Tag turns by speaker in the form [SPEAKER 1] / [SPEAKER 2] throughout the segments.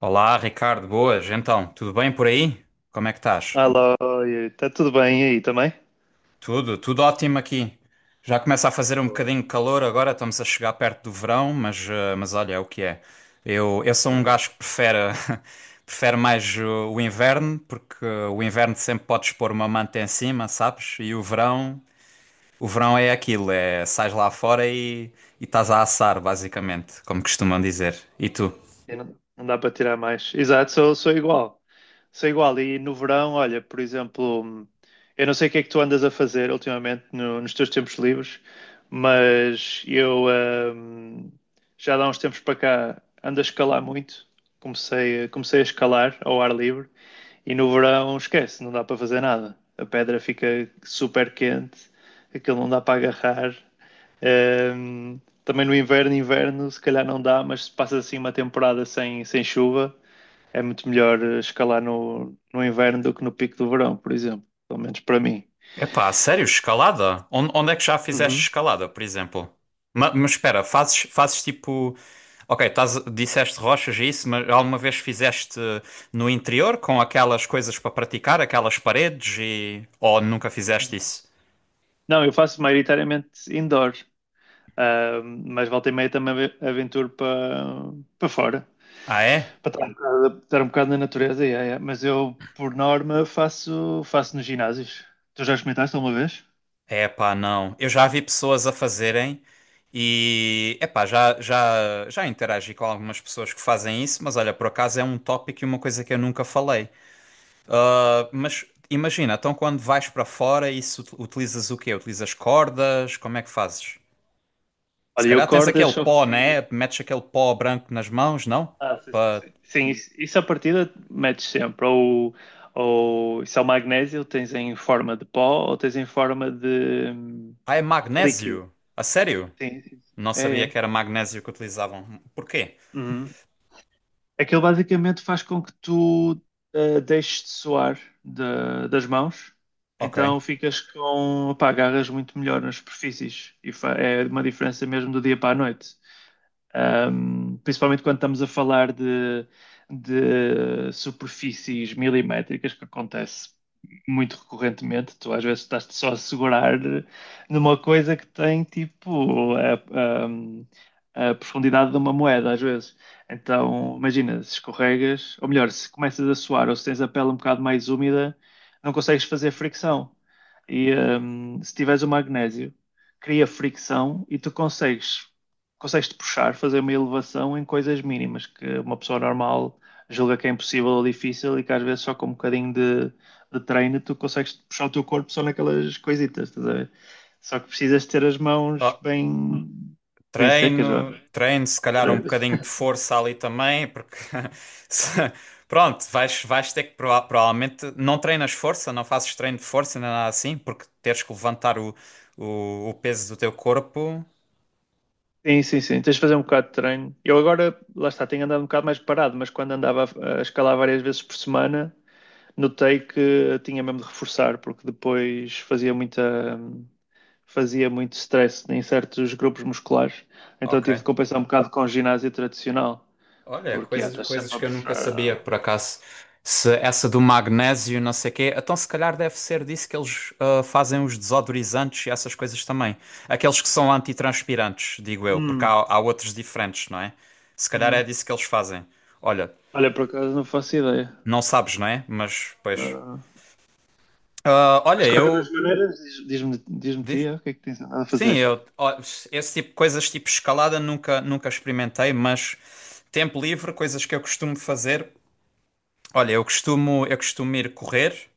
[SPEAKER 1] Olá, Ricardo, boas. Então, tudo bem por aí? Como é que estás?
[SPEAKER 2] Alô, está tudo bem aí também?
[SPEAKER 1] Tudo, tudo ótimo aqui. Já começa a fazer um
[SPEAKER 2] Pô,
[SPEAKER 1] bocadinho de calor agora, estamos a chegar perto do verão, mas olha, é o que é. Eu sou
[SPEAKER 2] é
[SPEAKER 1] um
[SPEAKER 2] verdade.
[SPEAKER 1] gajo que prefere, prefere mais o inverno, porque o inverno sempre podes pôr uma manta em cima, sabes? E o verão é aquilo, é sais lá fora e estás a assar, basicamente, como costumam dizer. E tu?
[SPEAKER 2] Não, não dá para tirar mais. Exato, sou, sou igual. Sou igual. E no verão, olha, por exemplo, eu não sei o que é que tu andas a fazer ultimamente nos teus tempos livres, mas eu, já há uns tempos para cá ando a escalar muito. Comecei, comecei a escalar ao ar livre e no verão esquece, não dá para fazer nada. A pedra fica super quente, aquilo não dá para agarrar. Um, Também no inverno, inverno, se calhar não dá, mas se passas assim uma temporada sem chuva, é muito melhor escalar no inverno do que no pico do verão, por exemplo. Pelo menos para mim.
[SPEAKER 1] Epá, sério, escalada? Onde é que já fizeste
[SPEAKER 2] Uhum.
[SPEAKER 1] escalada, por exemplo? Mas, espera, fazes tipo. Ok, estás, disseste rochas e isso, mas alguma vez fizeste no interior com aquelas coisas para praticar, aquelas paredes e. Ou nunca fizeste isso?
[SPEAKER 2] Não, eu faço maioritariamente indoor, mas volta e meia também aventuro para para fora,
[SPEAKER 1] Ah, é?
[SPEAKER 2] para estar um bocado na natureza. Yeah, yeah. Mas eu, por norma, faço, faço nos ginásios. Tu já experimentaste alguma vez?
[SPEAKER 1] É, epá, não. Eu já vi pessoas a fazerem e. Epá, já interagi com algumas pessoas que fazem isso, mas olha, por acaso é um tópico e uma coisa que eu nunca falei. Ah, mas imagina, então quando vais para fora, isso utilizas o quê? Utilizas cordas? Como é que fazes? Se
[SPEAKER 2] Olha, eu
[SPEAKER 1] calhar tens
[SPEAKER 2] cordas
[SPEAKER 1] aquele
[SPEAKER 2] só
[SPEAKER 1] pó,
[SPEAKER 2] fiz.
[SPEAKER 1] né? Metes aquele pó branco nas mãos, não?
[SPEAKER 2] Ah, sim, sim,
[SPEAKER 1] Pa-
[SPEAKER 2] sim. Sim, isso à partida metes sempre. Ou isso é o magnésio, tens em forma de pó ou tens em forma de
[SPEAKER 1] Ah, é
[SPEAKER 2] líquido.
[SPEAKER 1] magnésio. A sério?
[SPEAKER 2] Sim, sim, sim.
[SPEAKER 1] Não
[SPEAKER 2] É,
[SPEAKER 1] sabia
[SPEAKER 2] é.
[SPEAKER 1] que era magnésio que utilizavam. Porquê?
[SPEAKER 2] Uhum. Aquilo basicamente faz com que tu deixes de suar das mãos, então
[SPEAKER 1] Ok.
[SPEAKER 2] ficas com, pá, agarras muito melhor nas superfícies e é uma diferença mesmo do dia para a noite. Principalmente quando estamos a falar de superfícies milimétricas, que acontece muito recorrentemente. Tu às vezes estás só a segurar numa coisa que tem tipo a- a profundidade de uma moeda, às vezes. Então, imagina, se escorregas, ou melhor, se começas a suar ou se tens a pele um bocado mais úmida, não consegues fazer fricção. E se tiveres o magnésio, cria fricção e tu consegues consegues-te puxar, fazer uma elevação em coisas mínimas que uma pessoa normal julga que é impossível ou difícil e que às vezes só com um bocadinho de treino tu consegues puxar o teu corpo só naquelas coisitas, estás a ver? Só que precisas ter as mãos
[SPEAKER 1] Ah,
[SPEAKER 2] bem, bem secas, vá.
[SPEAKER 1] treino, treino, se calhar um bocadinho de força ali também, porque se- pronto, vais ter que provavelmente não treinas força, não fazes treino de força nem nada assim, porque teres que levantar o, o peso do teu corpo.
[SPEAKER 2] Sim, sim, sim. Tens de fazer um bocado de treino. Eu agora, lá está, tenho andado um bocado mais parado, mas quando andava a escalar várias vezes por semana, notei que tinha mesmo de reforçar, porque depois fazia fazia muito stress em certos grupos musculares, então
[SPEAKER 1] Ok.
[SPEAKER 2] tive de compensar um bocado com ginásio tradicional,
[SPEAKER 1] Olha,
[SPEAKER 2] porque yeah,
[SPEAKER 1] coisas,
[SPEAKER 2] estás
[SPEAKER 1] coisas
[SPEAKER 2] sempre a
[SPEAKER 1] que eu nunca sabia,
[SPEAKER 2] puxar.
[SPEAKER 1] por acaso. Se essa do magnésio, não sei quê, então se calhar deve ser disso que eles fazem os desodorizantes e essas coisas também. Aqueles que são antitranspirantes, digo eu, porque há,
[SPEAKER 2] Hum,
[SPEAKER 1] há outros diferentes, não é? Se calhar é
[SPEAKER 2] hum.
[SPEAKER 1] disso que eles fazem. Olha,
[SPEAKER 2] Olha, por acaso não faço ideia.
[SPEAKER 1] não sabes, não é? Mas, pois.
[SPEAKER 2] Ah,
[SPEAKER 1] Ah,
[SPEAKER 2] mas
[SPEAKER 1] olha,
[SPEAKER 2] de qualquer das
[SPEAKER 1] eu.
[SPEAKER 2] maneiras, diz-me
[SPEAKER 1] Diz?
[SPEAKER 2] tia, o que é que tens andado a
[SPEAKER 1] Sim,
[SPEAKER 2] fazer?
[SPEAKER 1] eu. Ó, esse tipo de coisas, tipo escalada, nunca, nunca experimentei, mas tempo livre, coisas que eu costumo fazer. Olha, eu costumo ir correr.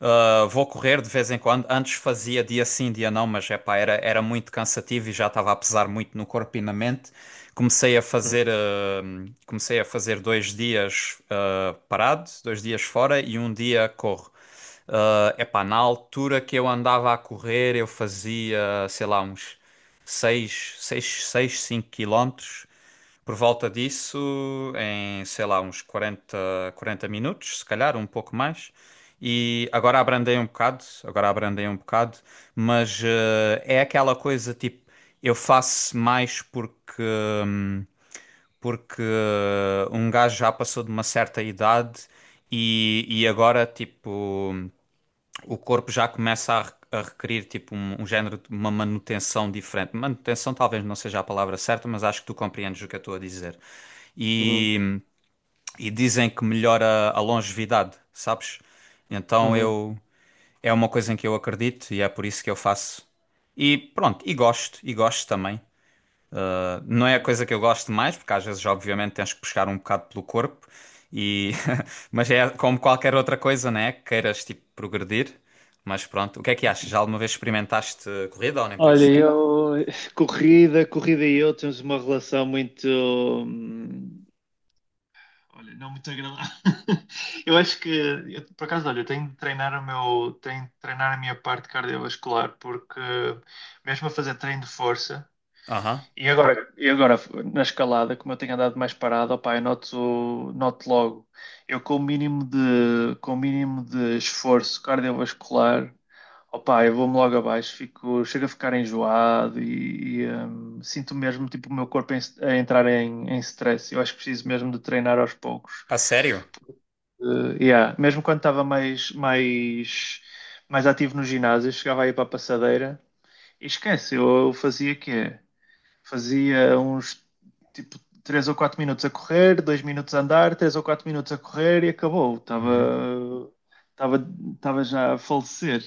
[SPEAKER 1] Vou correr de vez em quando. Antes fazia dia sim, dia não, mas epá, era muito cansativo e já estava a pesar muito no corpo e na mente. Comecei a fazer 2 dias parado, 2 dias fora e um dia corro. Epá, na altura que eu andava a correr, eu fazia, sei lá, uns 6 6 6 5 quilómetros. Por volta disso, em, sei lá, uns 40 minutos, se calhar, um pouco mais. E agora abrandei um bocado, agora abrandei um bocado, mas é aquela coisa tipo, eu faço mais porque, hum, porque um gajo já passou de uma certa idade e agora, tipo o corpo já começa a requerir tipo um género de uma manutenção diferente. Manutenção talvez não seja a palavra certa, mas acho que tu compreendes o que eu estou a dizer.
[SPEAKER 2] Uhum,
[SPEAKER 1] E, e dizem que melhora a longevidade, sabes? Então
[SPEAKER 2] uhum.
[SPEAKER 1] eu é uma coisa em que eu acredito e é por isso que eu faço. E pronto, e gosto também. Não é a
[SPEAKER 2] Hum.
[SPEAKER 1] coisa que eu gosto mais, porque às vezes, obviamente, tens que puxar um bocado pelo corpo, e... mas é como qualquer outra coisa, né? Que queiras, tipo, progredir. Mas pronto, o que é que achas?
[SPEAKER 2] Assim.
[SPEAKER 1] Já alguma vez experimentaste corrida ou nem por
[SPEAKER 2] Olha,
[SPEAKER 1] isso?
[SPEAKER 2] então, eu, corrida, corrida e eu temos uma relação muito, olha, não muito agradável. Eu acho eu, por acaso, olha, eu tenho de treinar o meu, tenho de treinar a minha parte cardiovascular, porque mesmo a fazer treino de força,
[SPEAKER 1] Aham.
[SPEAKER 2] e agora, e agora na escalada, como eu tenho andado mais parado, opá, eu noto, noto logo. Eu com o mínimo com o mínimo de esforço cardiovascular, opá, eu vou-me logo abaixo, fico, chego a ficar enjoado e, sinto mesmo tipo, o meu corpo a entrar em stress. Eu acho que preciso mesmo de treinar aos poucos.
[SPEAKER 1] A sério?
[SPEAKER 2] Yeah. Mesmo quando estava mais ativo no ginásio, eu chegava aí para a passadeira e esquece, eu fazia o quê? Fazia uns tipo 3 ou 4 minutos a correr, 2 minutos a andar, 3 ou 4 minutos a correr e acabou.
[SPEAKER 1] Uhum.
[SPEAKER 2] Estava, Estava já a falecer.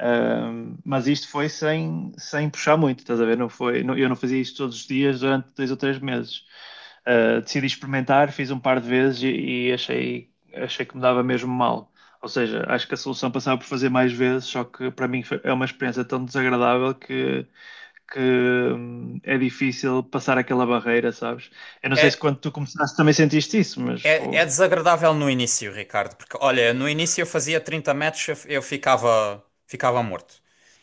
[SPEAKER 2] Mas isto foi sem puxar muito, estás a ver? Não foi, não, eu não fazia isto todos os dias durante dois ou três meses. Decidi experimentar, fiz um par de vezes e, achei que me dava mesmo mal. Ou seja, acho que a solução passava por fazer mais vezes, só que para mim foi, é uma experiência tão desagradável que é difícil passar aquela barreira, sabes? Eu não sei se
[SPEAKER 1] É,
[SPEAKER 2] quando tu começaste também sentiste isso, mas
[SPEAKER 1] é, é
[SPEAKER 2] fogo.
[SPEAKER 1] desagradável no início, Ricardo, porque olha, no início eu fazia 30 metros, eu ficava, ficava morto.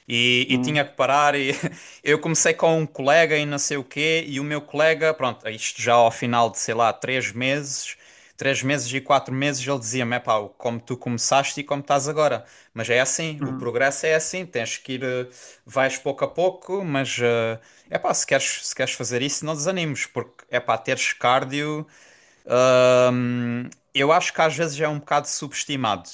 [SPEAKER 1] E tinha
[SPEAKER 2] Hum,
[SPEAKER 1] que parar. E eu comecei com um colega e não sei o quê, e o meu colega, pronto, isto já ao final de sei lá, 3 meses, 3 meses e 4 meses, ele dizia-me: é pá, como tu começaste e como estás agora. Mas é assim, o
[SPEAKER 2] hum.
[SPEAKER 1] progresso é assim, tens que ir, vais pouco a pouco, mas é pá, se queres fazer isso, não desanimes, porque é pá, teres cardio. Eu acho que às vezes é um bocado subestimado.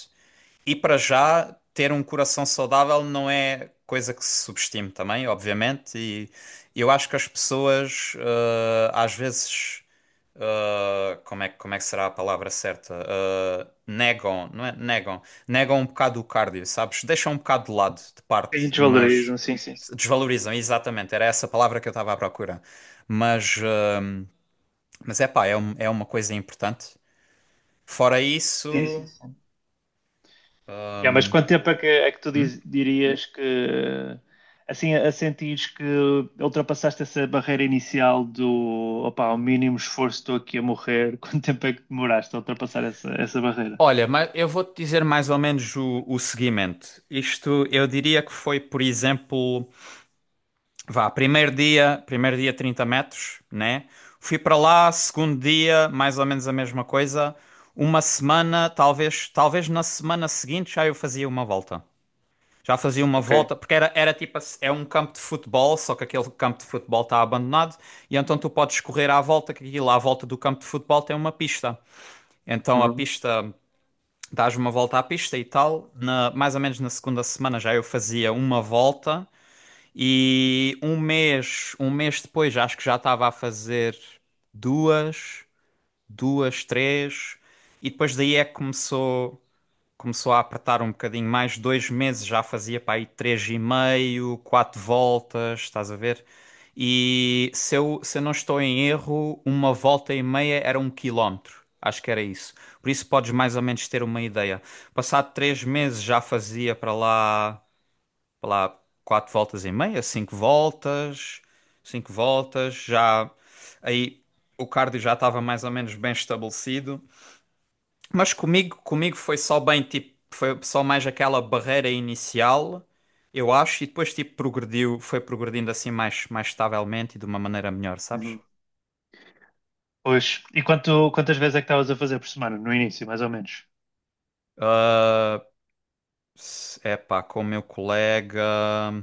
[SPEAKER 1] E para já, ter um coração saudável não é coisa que se subestime também, obviamente. E eu acho que as pessoas, às vezes, como é que será a palavra certa? Negam, não é? Negam. Negam um bocado o cardio, sabes? Deixam um bocado de lado, de parte,
[SPEAKER 2] Sim,
[SPEAKER 1] mas
[SPEAKER 2] desvalorizam, sim, sim, sim.
[SPEAKER 1] desvalorizam, exatamente. Era essa palavra que eu estava à procura. Mas, eh, mas é pá, é uma coisa importante. Fora
[SPEAKER 2] Sim, sim,
[SPEAKER 1] isso,
[SPEAKER 2] sim. Yeah, mas quanto tempo é é que tu dirias que assim a sentires que ultrapassaste essa barreira inicial do opá, ao mínimo esforço estou aqui a morrer, quanto tempo é que demoraste a ultrapassar essa barreira?
[SPEAKER 1] olha, mas eu vou-te dizer mais ou menos o seguimento. Isto eu diria que foi, por exemplo, vá, primeiro dia 30 metros, né? Fui para lá, segundo dia, mais ou menos a mesma coisa. Uma semana, talvez, na semana seguinte já eu fazia uma volta. Já fazia uma
[SPEAKER 2] Ok.
[SPEAKER 1] volta, porque era tipo, assim, é um campo de futebol, só que aquele campo de futebol está abandonado, e então tu podes correr à volta, que aquilo à volta do campo de futebol tem uma pista. Então a
[SPEAKER 2] Uhum.
[SPEAKER 1] pista. Dás uma volta à pista e tal. Mais ou menos na segunda semana já eu fazia uma volta e um mês depois já acho que já estava a fazer duas, duas, três e depois daí é que começou a apertar um bocadinho mais, 2 meses já fazia para aí três e meio, quatro voltas, estás a ver? E se eu não estou em erro, uma volta e meia era 1 quilómetro. Acho que era isso. Por isso podes mais ou menos ter uma ideia. Passado 3 meses já fazia para lá quatro voltas e meia, cinco voltas, cinco voltas. Já aí o cardio já estava mais ou menos bem estabelecido. Mas comigo foi só bem, tipo, foi só mais aquela barreira inicial, eu acho, e depois, tipo, progrediu, foi progredindo assim mais, estavelmente e de uma maneira melhor, sabes?
[SPEAKER 2] Uhum. Pois. E quantas vezes é que estavas a fazer por semana? No início, mais ou menos?
[SPEAKER 1] Epá, com o meu colega,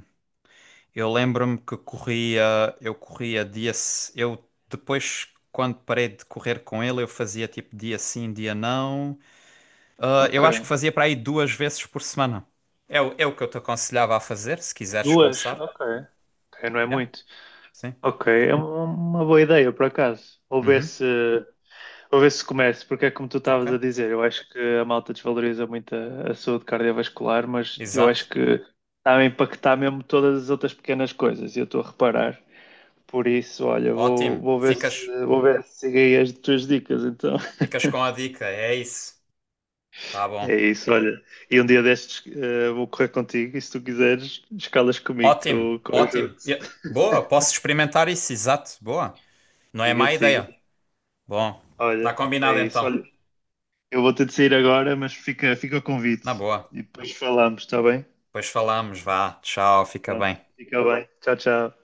[SPEAKER 1] eu lembro-me que corria, eu corria dia, eu depois, quando parei de correr com ele, eu fazia tipo dia sim, dia não. Ah, eu acho que
[SPEAKER 2] Ok.
[SPEAKER 1] fazia para aí 2 vezes por semana. É, é o que eu te aconselhava a fazer, se quiseres
[SPEAKER 2] Duas?
[SPEAKER 1] começar.
[SPEAKER 2] Ok. Ok, não é
[SPEAKER 1] Yeah,
[SPEAKER 2] muito.
[SPEAKER 1] sim.
[SPEAKER 2] Ok, é uma boa ideia, por acaso. Ou ver
[SPEAKER 1] Uhum,
[SPEAKER 2] se. Para ver se começa, porque é como tu estavas a
[SPEAKER 1] ok.
[SPEAKER 2] dizer, eu acho que a malta desvaloriza muito a saúde cardiovascular, mas eu acho
[SPEAKER 1] Exato.
[SPEAKER 2] que está a impactar mesmo todas as outras pequenas coisas, e eu estou a reparar. Por isso, olha,
[SPEAKER 1] Ótimo. Ficas,
[SPEAKER 2] vou ver se sigo aí as tuas dicas, então.
[SPEAKER 1] ficas com a dica. É isso. Tá bom.
[SPEAKER 2] É isso, olha. E um dia destes vou correr contigo e se tu quiseres, escalas comigo que
[SPEAKER 1] Ótimo,
[SPEAKER 2] que eu
[SPEAKER 1] ótimo.
[SPEAKER 2] ajudo.
[SPEAKER 1] Boa, posso experimentar isso. Exato. Boa. Não é
[SPEAKER 2] Siga,
[SPEAKER 1] má
[SPEAKER 2] siga.
[SPEAKER 1] ideia. Bom, tá
[SPEAKER 2] Olha,
[SPEAKER 1] combinado
[SPEAKER 2] é isso,
[SPEAKER 1] então.
[SPEAKER 2] olha. Eu vou ter de sair agora, mas fica, fica o
[SPEAKER 1] Na
[SPEAKER 2] convite.
[SPEAKER 1] boa.
[SPEAKER 2] E depois falamos, está bem?
[SPEAKER 1] Depois falamos. Vá. Tchau. Fica
[SPEAKER 2] Pronto,
[SPEAKER 1] bem.
[SPEAKER 2] fica bem. Tchau, tchau.